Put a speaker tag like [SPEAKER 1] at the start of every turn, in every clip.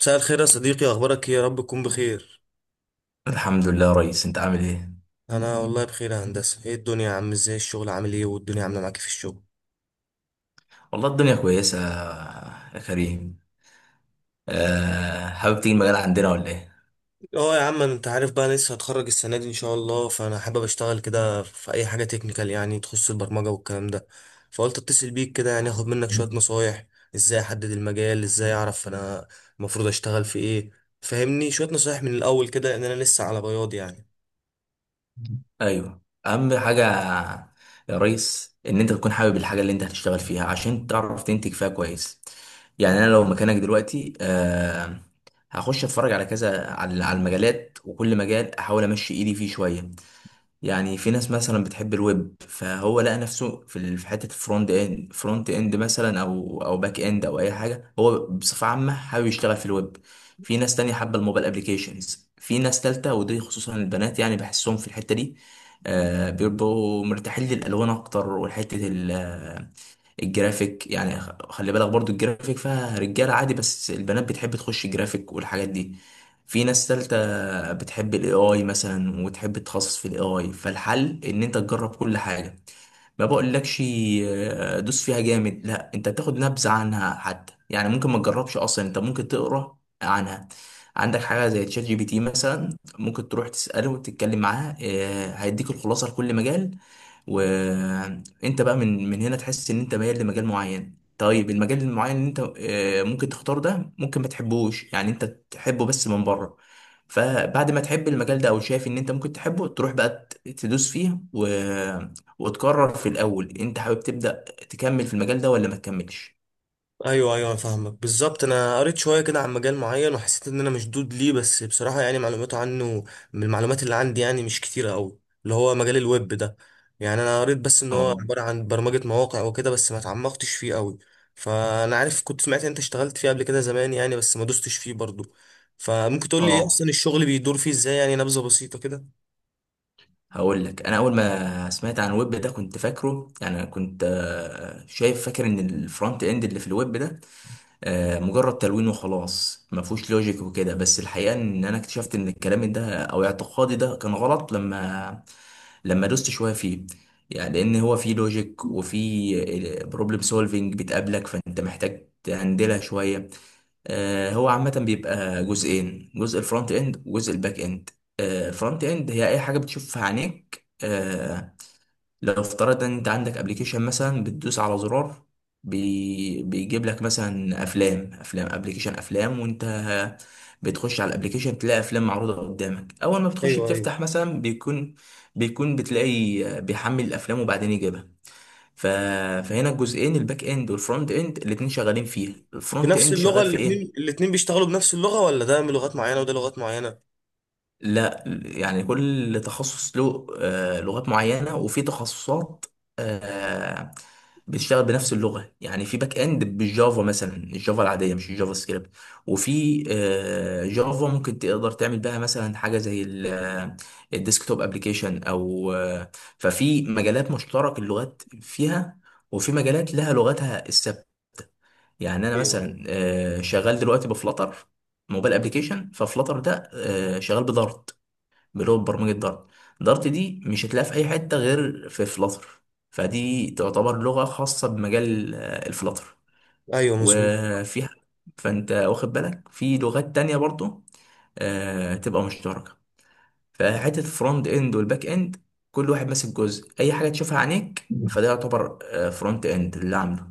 [SPEAKER 1] مساء الخير يا صديقي، اخبارك ايه؟ يا رب تكون بخير.
[SPEAKER 2] الحمد لله يا ريس، انت عامل ايه؟
[SPEAKER 1] انا والله بخير يا هندسه. ايه الدنيا يا عم؟ ازاي الشغل؟ عامل ايه والدنيا عامله معاك إيه في الشغل؟
[SPEAKER 2] والله الدنيا كويسه يا كريم. أه، حابب تيجي المجال عندنا ولا ايه؟
[SPEAKER 1] اه يا عم، انت عارف بقى أنا لسه هتخرج السنه دي ان شاء الله، فانا حابب اشتغل كده في اي حاجه تكنيكال يعني تخص البرمجه والكلام ده. فقلت اتصل بيك كده يعني اخد منك شويه نصايح. ازاي احدد المجال؟ ازاي اعرف انا المفروض اشتغل في ايه؟ فهمني شويه نصايح من الاول كده، لان انا لسه على بياض يعني.
[SPEAKER 2] ايوه، اهم حاجه يا ريس ان انت تكون حابب الحاجه اللي انت هتشتغل فيها عشان تعرف تنتج فيها كويس. يعني انا لو مكانك دلوقتي هخش اتفرج على كذا على المجالات، وكل مجال احاول امشي ايدي فيه شويه. يعني في ناس مثلا بتحب الويب، فهو لقى نفسه في حته فرونت اند فرونت اند مثلا او باك اند او اي حاجه، هو بصفه عامه حابب يشتغل في الويب. في ناس تانية حابه الموبايل ابلكيشنز، في ناس تالتة ودي خصوصا البنات يعني بحسهم في الحته دي، بيبقوا مرتاحين للالوان اكتر. وحته الجرافيك، يعني خلي بالك برضو الجرافيك فيها رجاله عادي، بس البنات بتحب تخش جرافيك والحاجات دي. في ناس تالتة بتحب الاي اي مثلا وتحب تتخصص في الاي اي، فالحل ان انت تجرب كل حاجه. ما بقولكش دوس فيها جامد، لا انت تاخد نبذه عنها حتى، يعني ممكن ما تجربش اصلا، انت ممكن تقرا عنها. عندك حاجه زي تشات جي بي تي مثلا، ممكن تروح تساله وتتكلم معاه، هيديك الخلاصه لكل مجال. وانت بقى من هنا تحس ان انت ميال لمجال معين. طيب المجال المعين اللي انت ممكن تختاره ده ممكن ما تحبوش، يعني انت تحبه بس من بره. فبعد ما تحب المجال ده او شايف ان انت ممكن تحبه، تروح بقى تدوس فيه و وتقرر في الاول انت حابب تبدأ تكمل في المجال ده ولا ما تكملش.
[SPEAKER 1] ايوه ايوه، فاهمك بالظبط. انا قريت شويه كده عن مجال معين وحسيت ان انا مشدود ليه، بس بصراحه يعني معلوماته عنه من المعلومات اللي عندي يعني مش كتيره قوي، اللي هو مجال الويب ده. يعني انا قريت بس ان هو
[SPEAKER 2] اه،
[SPEAKER 1] عباره عن برمجه مواقع وكده، بس ما تعمقتش فيه قوي. فانا عارف كنت سمعت إن انت اشتغلت فيه قبل كده زمان يعني، بس ما دوستش فيه برضو. فممكن تقول لي ايه
[SPEAKER 2] اه،
[SPEAKER 1] اصلا الشغل بيدور فيه ازاي؟ يعني نبذه بسيطه كده.
[SPEAKER 2] هقول لك. انا اول ما سمعت عن الويب ده كنت فاكره، يعني كنت شايف، فاكر ان الفرونت اند اللي في الويب ده مجرد تلوين وخلاص، ما فيهوش لوجيك وكده. بس الحقيقه ان انا اكتشفت ان الكلام ده او اعتقادي ده كان غلط لما دوست شويه فيه. يعني لان هو فيه لوجيك، وفيه بروبلم سولفينج بتقابلك، فانت محتاج تهندلها شويه. هو عامة بيبقى جزئين، جزء الفرونت اند وجزء الباك اند. الفرونت اند هي اي حاجة بتشوفها عينيك. لو افترضنا ان انت عندك ابلكيشن مثلا، بتدوس على زرار، بيجيب لك مثلا افلام، افلام ابلكيشن افلام، وانت بتخش على الابلكيشن تلاقي افلام معروضه قدامك. اول ما بتخش
[SPEAKER 1] ايوه ايوه.
[SPEAKER 2] بتفتح مثلا بيكون بتلاقي بيحمل الافلام وبعدين يجيبها. ف فهنا الجزئين الباك اند والفرونت اند الاتنين شغالين فيها، الفرونت
[SPEAKER 1] بنفس
[SPEAKER 2] اند
[SPEAKER 1] اللغه
[SPEAKER 2] شغال في ايه؟
[SPEAKER 1] الاثنين بيشتغلوا بنفس اللغه، ولا ده من لغات معينه وده لغات معينه؟
[SPEAKER 2] لا يعني كل تخصص له لغات معينة، وفي تخصصات آه، بتشتغل بنفس اللغة. يعني في باك اند بالجافا مثلا، الجافا العادية مش الجافا سكريبت. وفي جافا ممكن تقدر تعمل بها مثلا حاجة زي الديسكتوب ابلكيشن، او ففي مجالات مشترك اللغات فيها، وفي مجالات لها لغتها الثابتة. يعني انا
[SPEAKER 1] ايوه ايوه
[SPEAKER 2] مثلا شغال دلوقتي بفلتر، موبايل ابلكيشن. ففلتر ده شغال بدارت، اللي هو برمجة دارت. دارت دي مش هتلاقيها في أي حتة غير في فلاتر، فدي تعتبر لغة خاصة بمجال الفلاتر.
[SPEAKER 1] ايوه مظبوط.
[SPEAKER 2] وفيها، فأنت واخد بالك في لغات تانية برضو تبقى مشتركة. فحتة الفرونت اند والباك اند، كل واحد ماسك جزء. أي حاجة تشوفها عينيك فده يعتبر فرونت اند اللي عامله.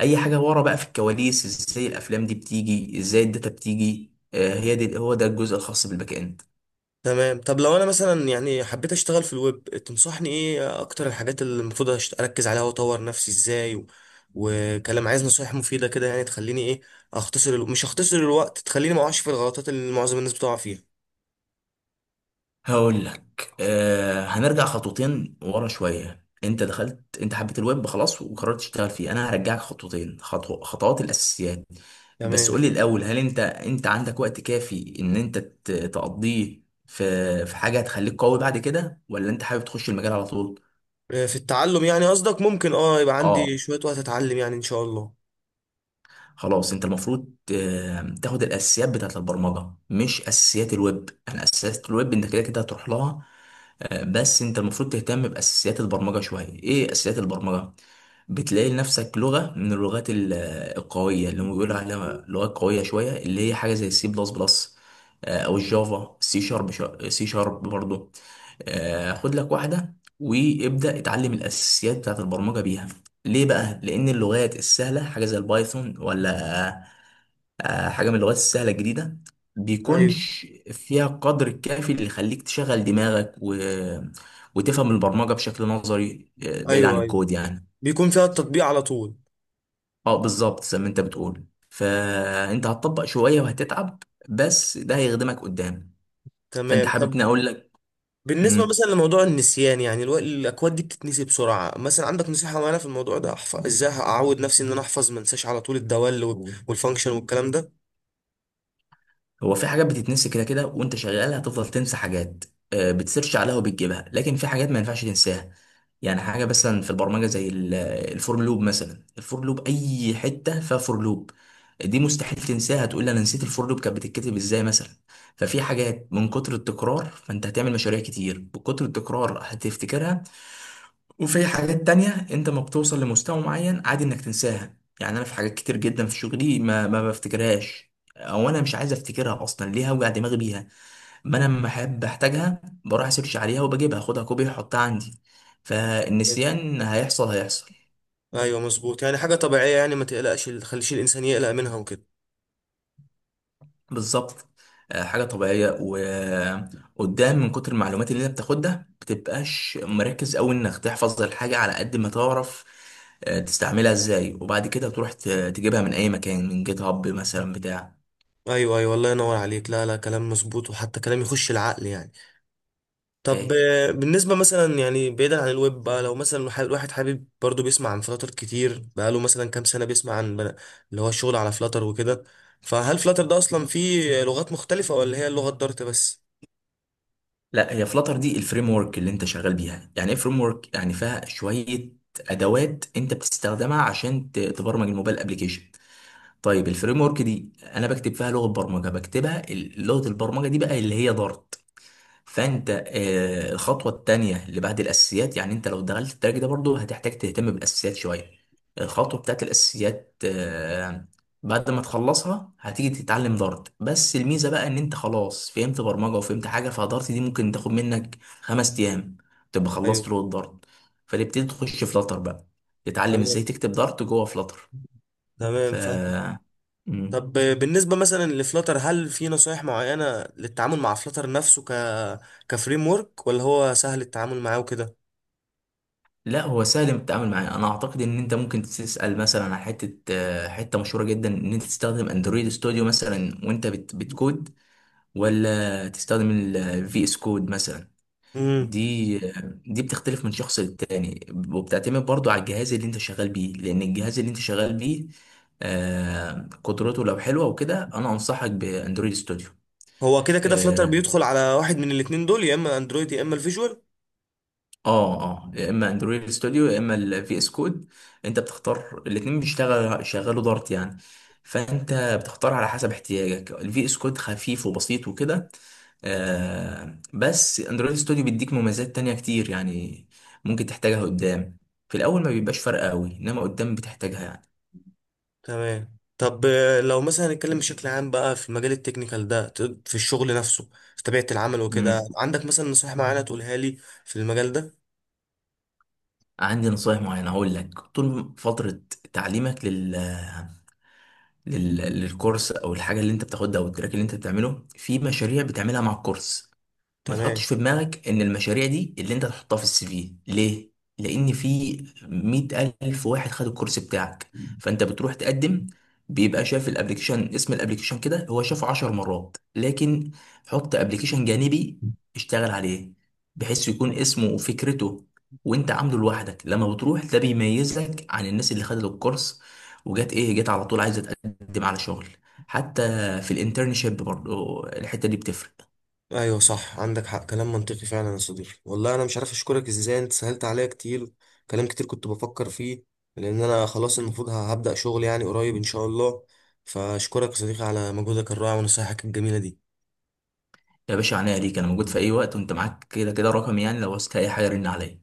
[SPEAKER 2] أي حاجة ورا بقى في الكواليس، ازاي الأفلام دي بتيجي، ازاي الداتا بتيجي، هي دي هو ده الجزء الخاص بالباك اند.
[SPEAKER 1] تمام. طب لو انا مثلا يعني حبيت اشتغل في الويب، تنصحني ايه اكتر الحاجات اللي المفروض اركز عليها واطور نفسي ازاي و... وكلام، عايز نصايح مفيدة كده يعني تخليني ايه، مش اختصر الوقت، تخليني ما اقعش في الغلطات اللي معظم الناس بتقع فيها.
[SPEAKER 2] هقول لك، هنرجع خطوتين ورا شوية. انت دخلت، انت حبيت الويب خلاص وقررت تشتغل فيه، انا هرجعك خطوتين، خطوات الاساسيات. بس
[SPEAKER 1] تمام.
[SPEAKER 2] قول لي الاول، هل انت عندك وقت كافي ان انت تقضيه في حاجة هتخليك قوي بعد كده، ولا انت حابب تخش المجال على طول؟
[SPEAKER 1] في التعلم يعني قصدك؟ ممكن اه، يبقى
[SPEAKER 2] اه،
[SPEAKER 1] عندي شوية وقت اتعلم يعني ان شاء الله.
[SPEAKER 2] خلاص انت المفروض تاخد الاساسيات بتاعت البرمجه، مش اساسيات الويب. يعني اساسيات الويب انت كده كده هتروح لها. بس انت المفروض تهتم باساسيات البرمجه شويه. ايه اساسيات البرمجه؟ بتلاقي لنفسك لغه من اللغات القويه، اللي هم بيقولوا عليها لغات قويه شويه، اللي هي حاجه زي السي بلس بلس، او الجافا سي شارب. سي شارب برضه. خد لك واحده وابدا اتعلم الاساسيات بتاعت البرمجه بيها. ليه بقى؟ لأن اللغات السهلة حاجة زي البايثون، ولا حاجة من اللغات السهلة الجديدة،
[SPEAKER 1] ايوه
[SPEAKER 2] بيكونش فيها قدر الكافي اللي يخليك تشغل دماغك و وتفهم البرمجة بشكل نظري، بعيد عن
[SPEAKER 1] ايوه ايوه.
[SPEAKER 2] الكود يعني.
[SPEAKER 1] بيكون فيها التطبيق على طول.
[SPEAKER 2] اه بالظبط، زي ما انت بتقول فانت هتطبق شوية وهتتعب، بس ده هيخدمك قدام. فانت
[SPEAKER 1] تمام. طب
[SPEAKER 2] حاببني اقول لك،
[SPEAKER 1] بالنسبة مثلا لموضوع النسيان يعني الأكواد دي بتتنسي بسرعة، مثلا عندك نصيحة معينة في الموضوع ده؟ أحفظ إزاي؟ أعود نفسي إن أنا أحفظ ما أنساش على طول الدوال والفانكشن والكلام ده.
[SPEAKER 2] هو في حاجات بتتنسي كده كده وانت شغال، هتفضل تنسى حاجات. بتسيرش عليها وبتجيبها، لكن في حاجات ما ينفعش تنساها. يعني حاجه مثلا في البرمجه زي الفور لوب، مثلا الفور لوب، اي حته فيها فور لوب دي مستحيل تنساها. تقول لي انا نسيت الفور لوب كانت بتتكتب ازاي مثلا؟ ففي حاجات من كتر التكرار، فانت هتعمل مشاريع كتير، بكتر التكرار هتفتكرها. وفي حاجات تانية انت ما بتوصل لمستوى معين، عادي انك تنساها. يعني انا في حاجات كتير جدا في شغلي ما بفتكرهاش، او انا مش عايز افتكرها اصلا، ليه هوجع دماغي بيها؟ ما انا لما احب احتاجها بروح اسيرش عليها وبجيبها، اخدها كوبي واحطها عندي. فالنسيان هيحصل هيحصل.
[SPEAKER 1] أيوه مظبوط، يعني حاجة طبيعية يعني، ما تقلقش، ما تخليش الإنسان يقلق منها وكده.
[SPEAKER 2] بالظبط، حاجه طبيعيه. وقدام من كتر المعلومات اللي انت بتاخدها بتبقاش مركز قوي انك تحفظ الحاجه، على قد ما تعرف تستعملها ازاي، وبعد كده تروح تجيبها من اي مكان، من جيت هاب مثلا بتاع.
[SPEAKER 1] أيوه أيوه، الله ينور عليك. لا لا، كلام مظبوط وحتى كلام يخش العقل يعني. طب
[SPEAKER 2] إيه؟
[SPEAKER 1] بالنسبة مثلا يعني بعيدا عن الويب بقى، لو مثلا الواحد حابب برضو، بيسمع عن فلاتر كتير، بقاله مثلا كام سنة بيسمع عن اللي هو الشغل على فلاتر وكده. فهل فلاتر ده أصلا فيه لغات مختلفة ولا هي اللغة الدارت بس؟
[SPEAKER 2] لا هي فلاتر دي الفريم ورك اللي انت شغال بيها. يعني ايه فريم ورك؟ يعني فيها شويه ادوات انت بتستخدمها عشان تبرمج الموبايل ابلكيشن. طيب الفريم ورك دي انا بكتب فيها لغه برمجه، بكتبها لغه البرمجه دي بقى اللي هي دارت. فانت الخطوه التانيه اللي بعد الاساسيات، يعني انت لو دخلت التراك ده برضو هتحتاج تهتم بالاساسيات شويه. الخطوه بتاعت الاساسيات بعد ما تخلصها هتيجي تتعلم دارت. بس الميزه بقى ان انت خلاص فهمت برمجه وفهمت حاجه، فدارت دي ممكن تاخد منك 5 ايام تبقى
[SPEAKER 1] ايوه.
[SPEAKER 2] خلصت لغه دارت. فتبتدي تخش فلاتر بقى، تتعلم ازاي
[SPEAKER 1] تمام.
[SPEAKER 2] تكتب دارت جوه فلاتر. ف
[SPEAKER 1] تمام فاهم. طب بالنسبة مثلا لفلاتر، هل في نصايح معينة للتعامل مع فلاتر نفسه كفريم ورك، ولا هو سهل التعامل معاه وكده؟
[SPEAKER 2] لا هو سهل التعامل معاه. انا اعتقد ان انت ممكن تسال مثلا على حته حته مشهوره جدا. ان انت تستخدم اندرويد ستوديو مثلا وانت بتكود، ولا تستخدم الفي اس كود مثلا.
[SPEAKER 1] امم.
[SPEAKER 2] دي بتختلف من شخص للتاني، وبتعتمد برضو على الجهاز اللي انت شغال بيه، لان الجهاز اللي انت شغال بيه قدرته لو حلوه وكده، انا انصحك باندرويد ستوديو.
[SPEAKER 1] هو كده كده فلاتر بيدخل على واحد من الاتنين دول، يا اما اندرويد يا اما الفيجوال.
[SPEAKER 2] اه، اه، يا اما اندرويد ستوديو يا اما الفي اس كود. انت بتختار، الاتنين بيشتغل شغالوا دارت يعني. فانت بتختار على حسب احتياجك، الفي اس كود خفيف وبسيط وكده، بس اندرويد ستوديو بيديك مميزات تانية كتير يعني، ممكن تحتاجها قدام. في الاول ما بيبقاش فرق قوي، انما قدام بتحتاجها يعني.
[SPEAKER 1] تمام. طب لو مثلا نتكلم بشكل عام بقى في المجال التكنيكال ده، في الشغل نفسه، في طبيعة العمل
[SPEAKER 2] مم.
[SPEAKER 1] وكده، عندك مثلا نصيحة معينة تقولها لي في المجال ده؟
[SPEAKER 2] عندي نصايح معينة. هقول لك، طول فترة تعليمك للكورس، او الحاجه اللي انت بتاخدها، او التراك اللي انت بتعمله، في مشاريع بتعملها مع الكورس. ما تحطش
[SPEAKER 1] تمام.
[SPEAKER 2] في دماغك ان المشاريع دي اللي انت تحطها في السي في. ليه؟ لان في 100,000 واحد خد الكورس بتاعك، فانت بتروح تقدم، بيبقى شاف الابليكيشن، اسم الابليكيشن كده هو شافه 10 مرات. لكن حط ابليكيشن جانبي، اشتغل عليه بحيث يكون اسمه وفكرته وانت عامله لوحدك. لما بتروح ده بيميزك عن الناس اللي خدت الكورس وجت، ايه؟ جت على طول عايزه تقدم على شغل. حتى في الانترنشيب برضو الحته دي بتفرق.
[SPEAKER 1] ايوه صح، عندك حق، كلام منطقي فعلا يا صديقي. والله انا مش عارف اشكرك ازاي، انت سهلت عليا كتير كلام كتير كنت بفكر فيه، لان انا خلاص المفروض هبدأ شغل يعني قريب ان شاء الله. فاشكرك يا صديقي على مجهودك الرائع ونصايحك الجميلة دي.
[SPEAKER 2] يا باشا، عينيا ليك. انا موجود في اي وقت، وانت معاك كده كده رقمي يعني، لو عوزت اي حاجه رن عليا.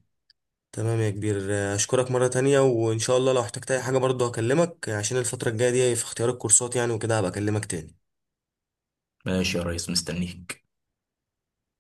[SPEAKER 1] تمام يا كبير، اشكرك مرة تانية، وان شاء الله لو احتجت اي حاجة برضه هكلمك، عشان الفترة الجاية دي في اختيار الكورسات يعني وكده هبقى اكلمك تاني.
[SPEAKER 2] ماشي يا ريس، مستنيك.